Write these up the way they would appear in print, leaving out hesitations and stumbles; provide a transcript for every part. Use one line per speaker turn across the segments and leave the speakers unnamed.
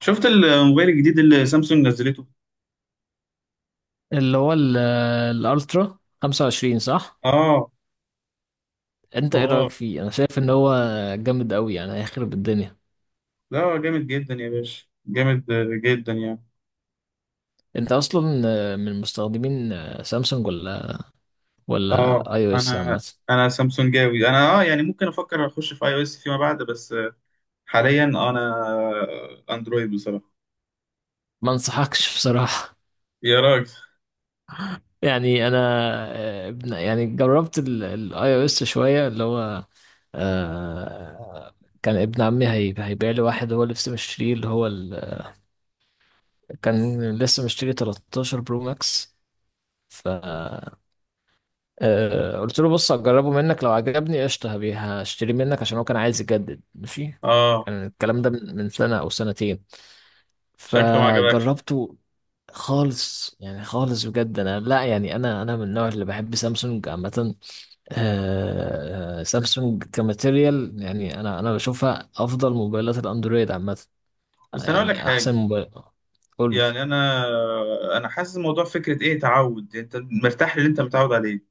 شفت الموبايل الجديد اللي سامسونج نزلته.
اللي هو ال- الالترا 25، صح؟
اه.
انت ايه
اه.
رايك فيه؟ انا شايف ان هو جامد قوي، يعني هيخرب الدنيا.
لا، هو جامد جدا يا باشا، جامد جدا يعني.
انت اصلا من مستخدمين سامسونج، ولا
اه.
ولا اي او اس
انا
عامه؟
انا سامسونجاوي، انا اه يعني ممكن افكر اخش في اي او اس فيما بعد، بس حاليا انا اندرويد بصراحه.
ما انصحكش بصراحه.
يا راجل.
يعني انا، يعني جربت الاي او اس شويه، اللي هو آه، كان ابن عمي هيبيع لي واحد، هو لسه مشتريه اللي هو ال... كان لسه مشتري 13 برو ماكس. ف قلت له بص هجربه منك، لو عجبني قشطة هشتري منك، عشان هو كان عايز يجدد، ماشي.
اه،
كان الكلام ده من سنة أو سنتين،
شكله ما عجبكش.
فجربته. خالص، يعني خالص بجد. أنا لا، يعني أنا من النوع اللي بحب سامسونج عامة. سامسونج كماتيريال، يعني أنا بشوفها أفضل موبايلات الأندرويد عامة،
بس انا اقول لك
يعني أحسن
حاجه،
موبايل. قول
يعني انا حاسس الموضوع فكره ايه، تعود، انت مرتاح للي انت متعود عليه.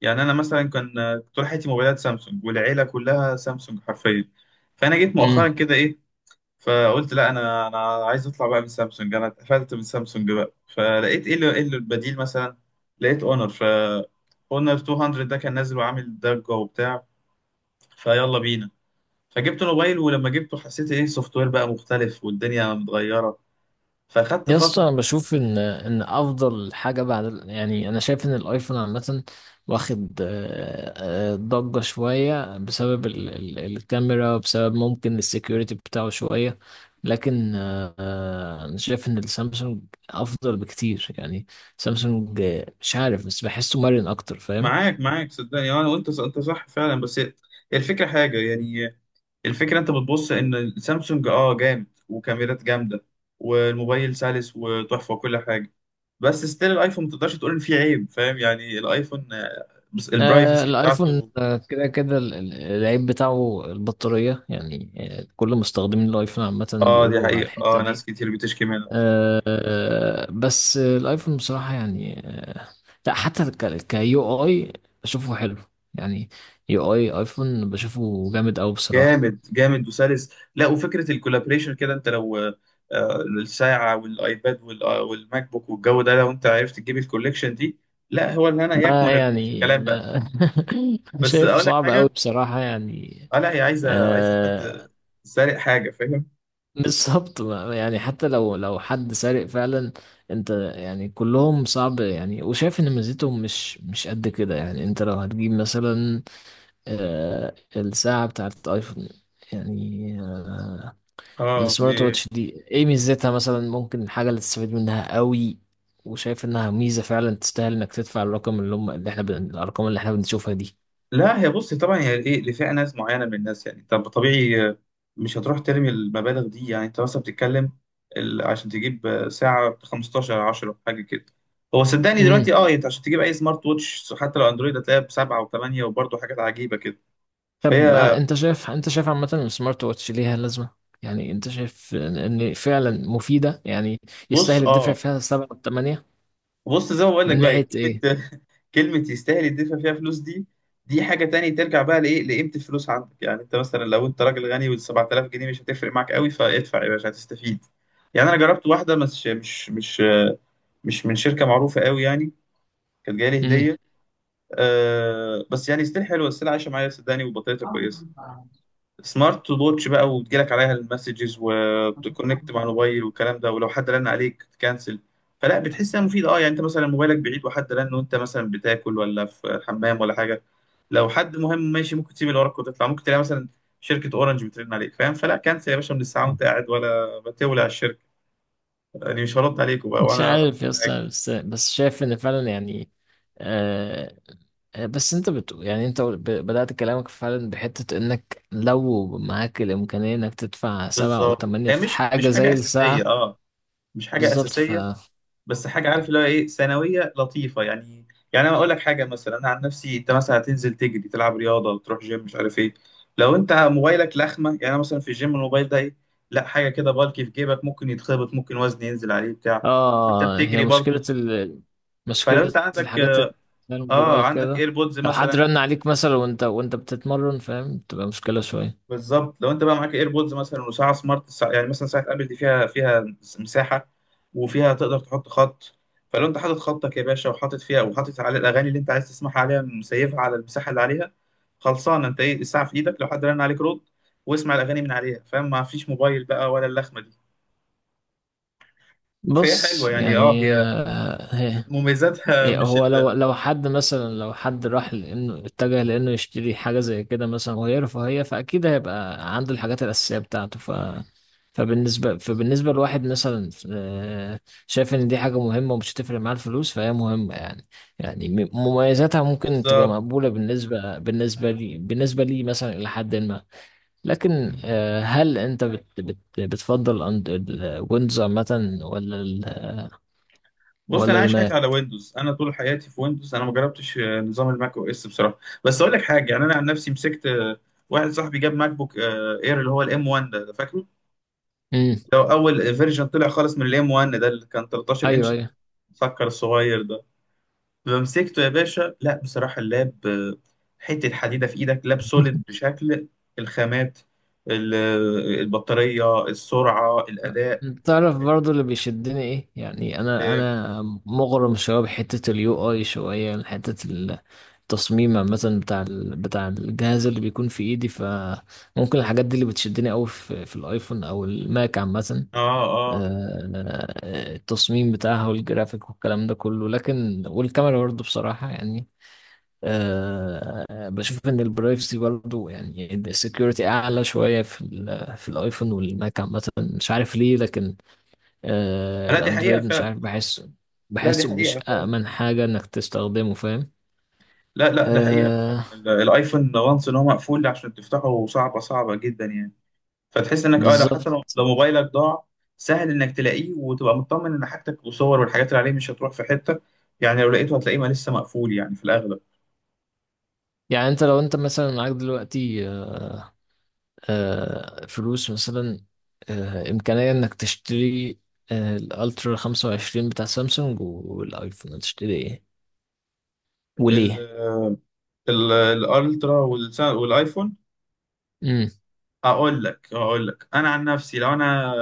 يعني انا مثلا كان طول حياتي موبايلات سامسونج، والعيله كلها سامسونج حرفيا. فانا جيت مؤخرا
لي
كده ايه، فقلت لا، انا عايز اطلع بقى من سامسونج، انا اتقفلت من سامسونج بقى. فلقيت ايه اللي البديل مثلا. لقيت اونر 200، ده كان نازل وعامل ضجه وبتاع، فيلا بينا. فجبت موبايل، ولما جبته حسيت ايه، السوفت وير بقى مختلف والدنيا متغيره، فاخدت
يا اسطى،
فتره.
انا بشوف ان افضل حاجه بعد يعني انا شايف ان الايفون عامه واخد ضجه شويه بسبب ال ال الكاميرا، بسبب ممكن السكيورتي بتاعه شويه، لكن انا شايف ان السامسونج افضل بكتير يعني. سامسونج، مش عارف، بس بحسه مرن اكتر، فاهم؟
معاك صدقني، انا وانت، انت صح فعلا، بس الفكره حاجه يعني، الفكرة انت بتبص ان سامسونج اه جامد وكاميرات جامدة، والموبايل سلس وتحفة وكل حاجة. بس ستيل الايفون ما تقدرش تقول ان فيه عيب، فاهم يعني الايفون، بس
آه
البرايفسي
الايفون،
بتاعته.
كده كده العيب بتاعه البطارية، يعني كل مستخدمين الايفون عامة
اه، دي
بيقولوا على
حقيقة. اه،
الحتة
ناس
دي.
كتير بتشكي منها.
بس الايفون بصراحة، يعني لا، حتى كيو اي بشوفه حلو، يعني يو اي ايفون بشوفه جامد قوي بصراحة.
جامد جامد وسلس. لا، وفكرة الكولابريشن كده، انت لو الساعة والايباد والماك بوك والجو ده، لو انت عرفت تجيب الكوليكشن دي، لا هو الهنا
ما
يكمن
يعني
الكلام بقى.
آه،
بس
شايفه
اقول لك
صعب قوي
حاجة.
بصراحة، يعني
اه، لا هي عايزة حد
آه،
سارق حاجة، فاهم.
بالظبط. يعني حتى لو حد سارق فعلا، انت يعني كلهم صعب، يعني وشايف ان ميزتهم مش قد كده. يعني انت لو هتجيب مثلا الساعة بتاعت ايفون، يعني
اه دي.
السمارت واتش دي ايه ميزتها مثلا؟ ممكن الحاجة اللي تستفيد منها قوي، وشايف انها ميزة فعلا تستاهل انك تدفع الرقم اللي هم اللي احنا الارقام اللي احنا بنشوفها دي.
لا، هي بص طبعا، هي ايه، لفئه ناس معينه من الناس. يعني طب طبيعي، مش هتروح ترمي المبالغ دي. يعني انت مثلا بتتكلم عشان تجيب ساعه ب 15 10 حاجه كده. هو صدقني
امم.
دلوقتي اه، انت عشان تجيب اي سمارت ووتش حتى لو اندرويد، هتلاقيها بسبعه وثمانيه وبرضه حاجات عجيبه كده.
طب،
فهي،
انت شايف، عامة السمارت واتش ليها لازمة؟ يعني انت شايف ان فعلا مفيدة، يعني
بص
يستاهل الدفع
اه،
فيها سبعة وثمانية،
بص زي ما بقول لك
من
بقى،
ناحية ايه؟
كلمة يستاهل يدفع فيها فلوس دي حاجة تانية، ترجع بقى لإيه، لقيمة الفلوس عندك. يعني أنت مثلا لو أنت راجل غني وال 7000 جنيه مش هتفرق معاك قوي، فادفع يا باشا هتستفيد. يعني أنا جربت واحدة، مش من شركة معروفة قوي يعني، كانت جاية لي هدية.
امم.
أه بس يعني ستيل حلوة، ستيل عايشة معايا صدقني وبطاريتها كويسة. سمارت ووتش بقى، وتجيلك عليها المسجز وتكونكت مع الموبايل والكلام ده، ولو حد رن عليك تكنسل، فلا بتحس انها مفيده. اه، يعني انت مثلا موبايلك بعيد وحد رن، وانت مثلا بتاكل ولا في الحمام ولا حاجه، لو حد مهم ماشي ممكن تسيب اللي وراك وتطلع. ممكن تلاقي مثلا شركه اورنج بترن عليك فاهم، فلا، كنسل يا باشا من الساعه وانت قاعد، ولا بتولع الشركه، يعني مش هرد عليكم بقى
مش
وانا بعمل
عارف يا
حاجة.
اسطى، بس شايف ان فعلا يعني آه، بس انت يعني انت بدأت كلامك فعلا بحتة انك لو معاك الامكانية انك تدفع سبعة او
بالظبط،
تمانية
هي
في
مش
حاجة
مش
زي
حاجه اساسيه،
الساعة.
اه. مش حاجه
بالظبط، ف
اساسيه، بس حاجه، عارف اللي هو ايه، ثانويه لطيفه يعني. يعني انا اقول لك حاجه مثلا، انا عن نفسي، انت مثلا هتنزل تجري، تلعب رياضه، تروح جيم، مش عارف ايه. لو انت موبايلك لخمه، يعني أنا مثلا في الجيم الموبايل ده ايه، لا حاجه كده بالكي في جيبك، ممكن يتخبط، ممكن وزن ينزل عليه بتاع وانت
اه هي
بتجري برضه. فلو انت
مشكلة
عندك،
الحاجات اللي زي
اه
الموبايل
عندك
كده.
ايربودز
لو حد
مثلا.
رن عليك مثلا وانت بتتمرن، فاهم؟ تبقى مشكلة شوية.
بالظبط، لو انت بقى معاك ايربودز مثلا وساعه سمارت، ساعة يعني مثلا ساعه ابل، دي فيها مساحه، وفيها تقدر تحط خط، فلو انت حاطط خطك يا باشا، وحاطط فيها، وحاطط على الاغاني اللي انت عايز تسمعها عليها، مسيفها على المساحه اللي عليها، خلصان. انت ايه، الساعه في ايدك، لو حد رن عليك رد، واسمع الاغاني من عليها فاهم، ما فيش موبايل بقى ولا اللخمه دي. فهي
بص،
حلوه يعني، اه
يعني
هي مميزاتها
إيه،
مش
هو لو
ال...
لو حد مثلا، لو حد راح لانه اتجه لانه يشتري حاجه زي كده مثلا، وهي رفاهيه، فاكيد هيبقى عنده الحاجات الاساسيه بتاعته، ف فبالنسبه لواحد مثلا، شايف ان دي حاجه مهمه ومش هتفرق معاه الفلوس، فهي مهمه يعني. يعني مميزاتها ممكن تبقى
بالظبط.
مقبوله بالنسبه لي مثلا، الى حد ما. لكن هل انت بت بتفضل الويندوز عامه، ولا ال،
بص، انا
ولا
عايش حياتي على
الماك؟
ويندوز، انا طول حياتي في ويندوز، انا ما جربتش نظام الماك او اس بصراحه. بس اقول لك حاجه، يعني انا عن نفسي مسكت، واحد صاحبي جاب ماك بوك اير، اللي هو الام 1 ده فاكره
امم،
لو اول فيرجن طلع خالص من الام 1، ده اللي كان 13
ايوه
انش،
ايوه.
مسكر الصغير ده. فمسكته يا باشا، لا بصراحه اللاب حته حديده في ايدك، لاب سوليد بشكل، الخامات، البطاريه، السرعه، الاداء.
تعرف، برضو اللي بيشدني ايه؟ يعني انا مغرم شويه بحته اليو اي شويه، يعني حته التصميم عامه بتاع بتاع الجهاز اللي بيكون في ايدي، فممكن الحاجات دي اللي بتشدني قوي في الايفون او الماك عامه.
اه. اه
التصميم بتاعها والجرافيك والكلام ده كله، لكن والكاميرا برضو بصراحه يعني، بشوف ان البرايفسي برضو، يعني السكيورتي اعلى شويه في الايفون والماك عامه، مش عارف ليه. لكن آه
لا، دي حقيقه
الاندرويد، مش
فعلا.
عارف، بحسه
لا دي
بحسه مش
حقيقه فعلا
أأمن
آه.
حاجة انك تستخدمه، فاهم؟
لا لا، ده حقيقة فعلا،
آه،
الايفون وانس ان هو مقفول، عشان تفتحه صعبة صعبة جدا يعني. فتحس انك اه لو
بالظبط.
حتى لو لو موبايلك ضاع، سهل انك تلاقيه، وتبقى مطمن ان حاجتك وصور والحاجات اللي عليه مش هتروح في حتة. يعني لو لقيته هتلاقيه، ما لسه مقفول يعني في الاغلب.
يعني انت لو مثلا معاك دلوقتي آه، فلوس مثلا، امكانية انك تشتري الالترا 25 بتاع سامسونج والايفون، هتشتري ايه،
ال
وليه؟
ال الالترا والايفون.
امم.
هقول لك انا عن نفسي، لو انا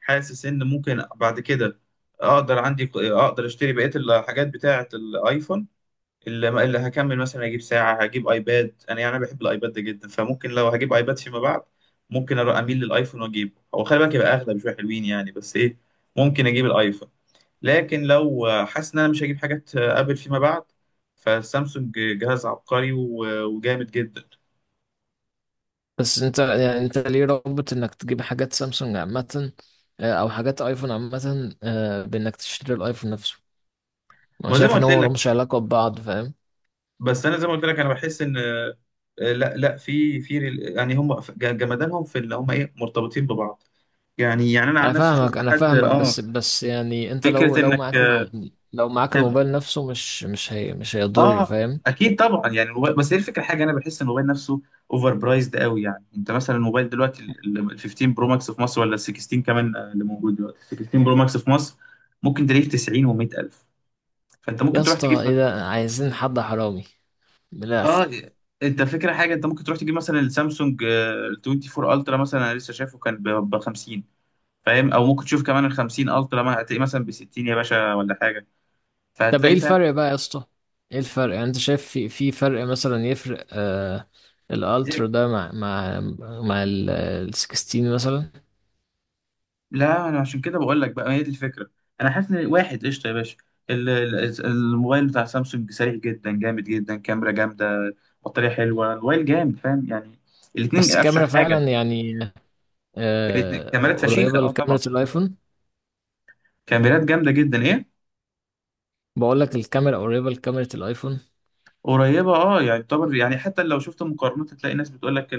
حاسس ان ممكن بعد كده اقدر، عندي اقدر اشتري بقية الحاجات بتاعة الايفون اللي هكمل، مثلا اجيب ساعه، هجيب ايباد. انا يعني أنا بحب الايباد ده جدا، فممكن لو هجيب ايباد فيما بعد، ممكن أروح اميل للايفون واجيبه. هو خلي بالك يبقى اغلى بشويه حلوين يعني، بس ايه، ممكن اجيب الايفون. لكن لو حاسس ان انا مش هجيب حاجات ابل فيما بعد، فالسامسونج جهاز عبقري وجامد جدا.
بس انت، يعني انت ليه رابط انك تجيب حاجات سامسونج عامة، او حاجات ايفون عامة، بانك تشتري الايفون نفسه؟ انا
ما زي ما
شايف ان
قلت
هو
لك،
ملهمش علاقة ببعض، فاهم؟
بس انا زي ما قلت لك، انا بحس ان لا لا، يعني هم جمدانهم في اللي هم ايه، مرتبطين ببعض. يعني انا
انا
عن نفسي
فاهمك
شفت
انا
حد
فاهمك
اه،
بس يعني انت لو
فكره انك.
لو معاك الموبايل نفسه مش هيضر،
اه
فاهم؟
اكيد طبعا يعني الموبايل، بس هي الفكره حاجه، انا بحس ان الموبايل نفسه اوفر برايزد قوي يعني. انت مثلا الموبايل دلوقتي ال 15 برو ماكس في مصر، ولا ال 16 كمان، اللي موجود دلوقتي 16 برو ماكس في مصر، ممكن تلاقيه في 90 و100 الف. فانت
يا
ممكن تروح تجيب،
اسطى ايه ده، عايزين حد حرامي من الاخر.
اه انت فكره حاجه، انت ممكن تروح تجيب مثلا السامسونج، ال 24 الترا مثلا، انا لسه شايفه كان ب 50، فاهم. او ممكن تشوف كمان ال 50 الترا، ما هتلاقيه مثلا ب 60 يا باشا ولا حاجه.
طب ايه
فهتلاقي فاهم.
الفرق بقى يا اسطى؟ ايه الفرق؟ يعني انت شايف في فرق مثلا، يفرق الالترا
إيه؟
ده مع مع ال 16 مثلا؟
لا انا عشان كده بقول لك بقى، هي دي الفكره. انا حاسس ان واحد قشطه يا باشا، الموبايل بتاع سامسونج سريع جدا، جامد جدا، كاميرا جامده، بطاريه حلوه، الموبايل جامد فاهم يعني. الاثنين
بس الكاميرا
افشخ
فعلا
حاجه.
يعني
الاثنين كاميرات فشيخه
قريبة
اه، طبعا.
لكاميرا الايفون.
كاميرات جامده جدا ايه.
بقول لك الكاميرا قريبة لكاميرا الايفون.
قريبه اه، يعني طبعا، يعني حتى لو شفت مقارنات، هتلاقي ناس بتقول لك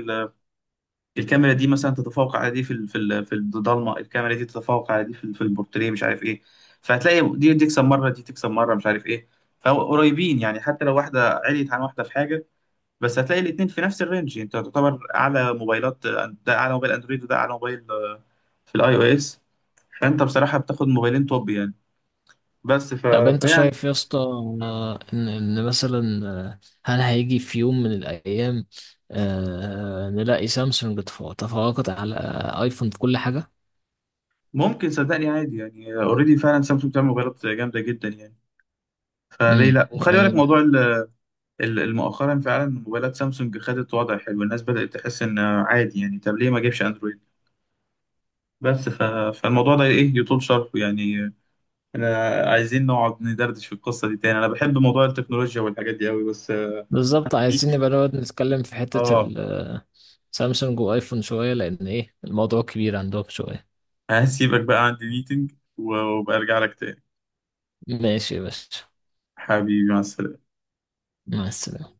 الكاميرا دي مثلا تتفوق على دي في في الضلمه، الكاميرا دي تتفوق على دي في في البورتريه، مش عارف ايه. فهتلاقي دي تكسب مره، دي تكسب مره، مش عارف ايه. فقريبين يعني، حتى لو واحده عليت عن واحده في حاجه، بس هتلاقي الاثنين في نفس الرينج. انت تعتبر اعلى موبايلات، ده اعلى موبايل اندرويد، وده اعلى موبايل في الاي او اس. فانت بصراحه بتاخد موبايلين توب يعني. بس ف...
طب انت
فيعني
شايف يا اسطى، ان ان مثلا آه، هل هيجي في يوم من الايام نلاقي سامسونج تفوقت على ايفون في كل حاجه؟
ممكن صدقني عادي يعني، اوريدي فعلا سامسونج بتعمل موبايلات جامده جدا يعني، فليه
امم،
لا. وخلي بالك
يعني
موضوع مؤخرا، فعلا موبايلات سامسونج خدت وضع حلو، الناس بدأت تحس ان عادي، يعني طب ليه ما اجيبش اندرويد. بس ف... فالموضوع ده ايه، يطول شرحه يعني. انا عايزين نقعد ندردش في القصة دي تاني، انا بحب موضوع التكنولوجيا والحاجات دي قوي، بس
بالظبط. عايزين
ميتنج،
نبقى نقعد نتكلم في حته
اه.
سامسونج وايفون شويه، لان ايه الموضوع كبير عندهم شويه.
هسيبك بقى عندي ميتنج، وبرجع لك تاني.
ماشي يا باشا،
حبيبي، مع السلامة.
مع السلامه.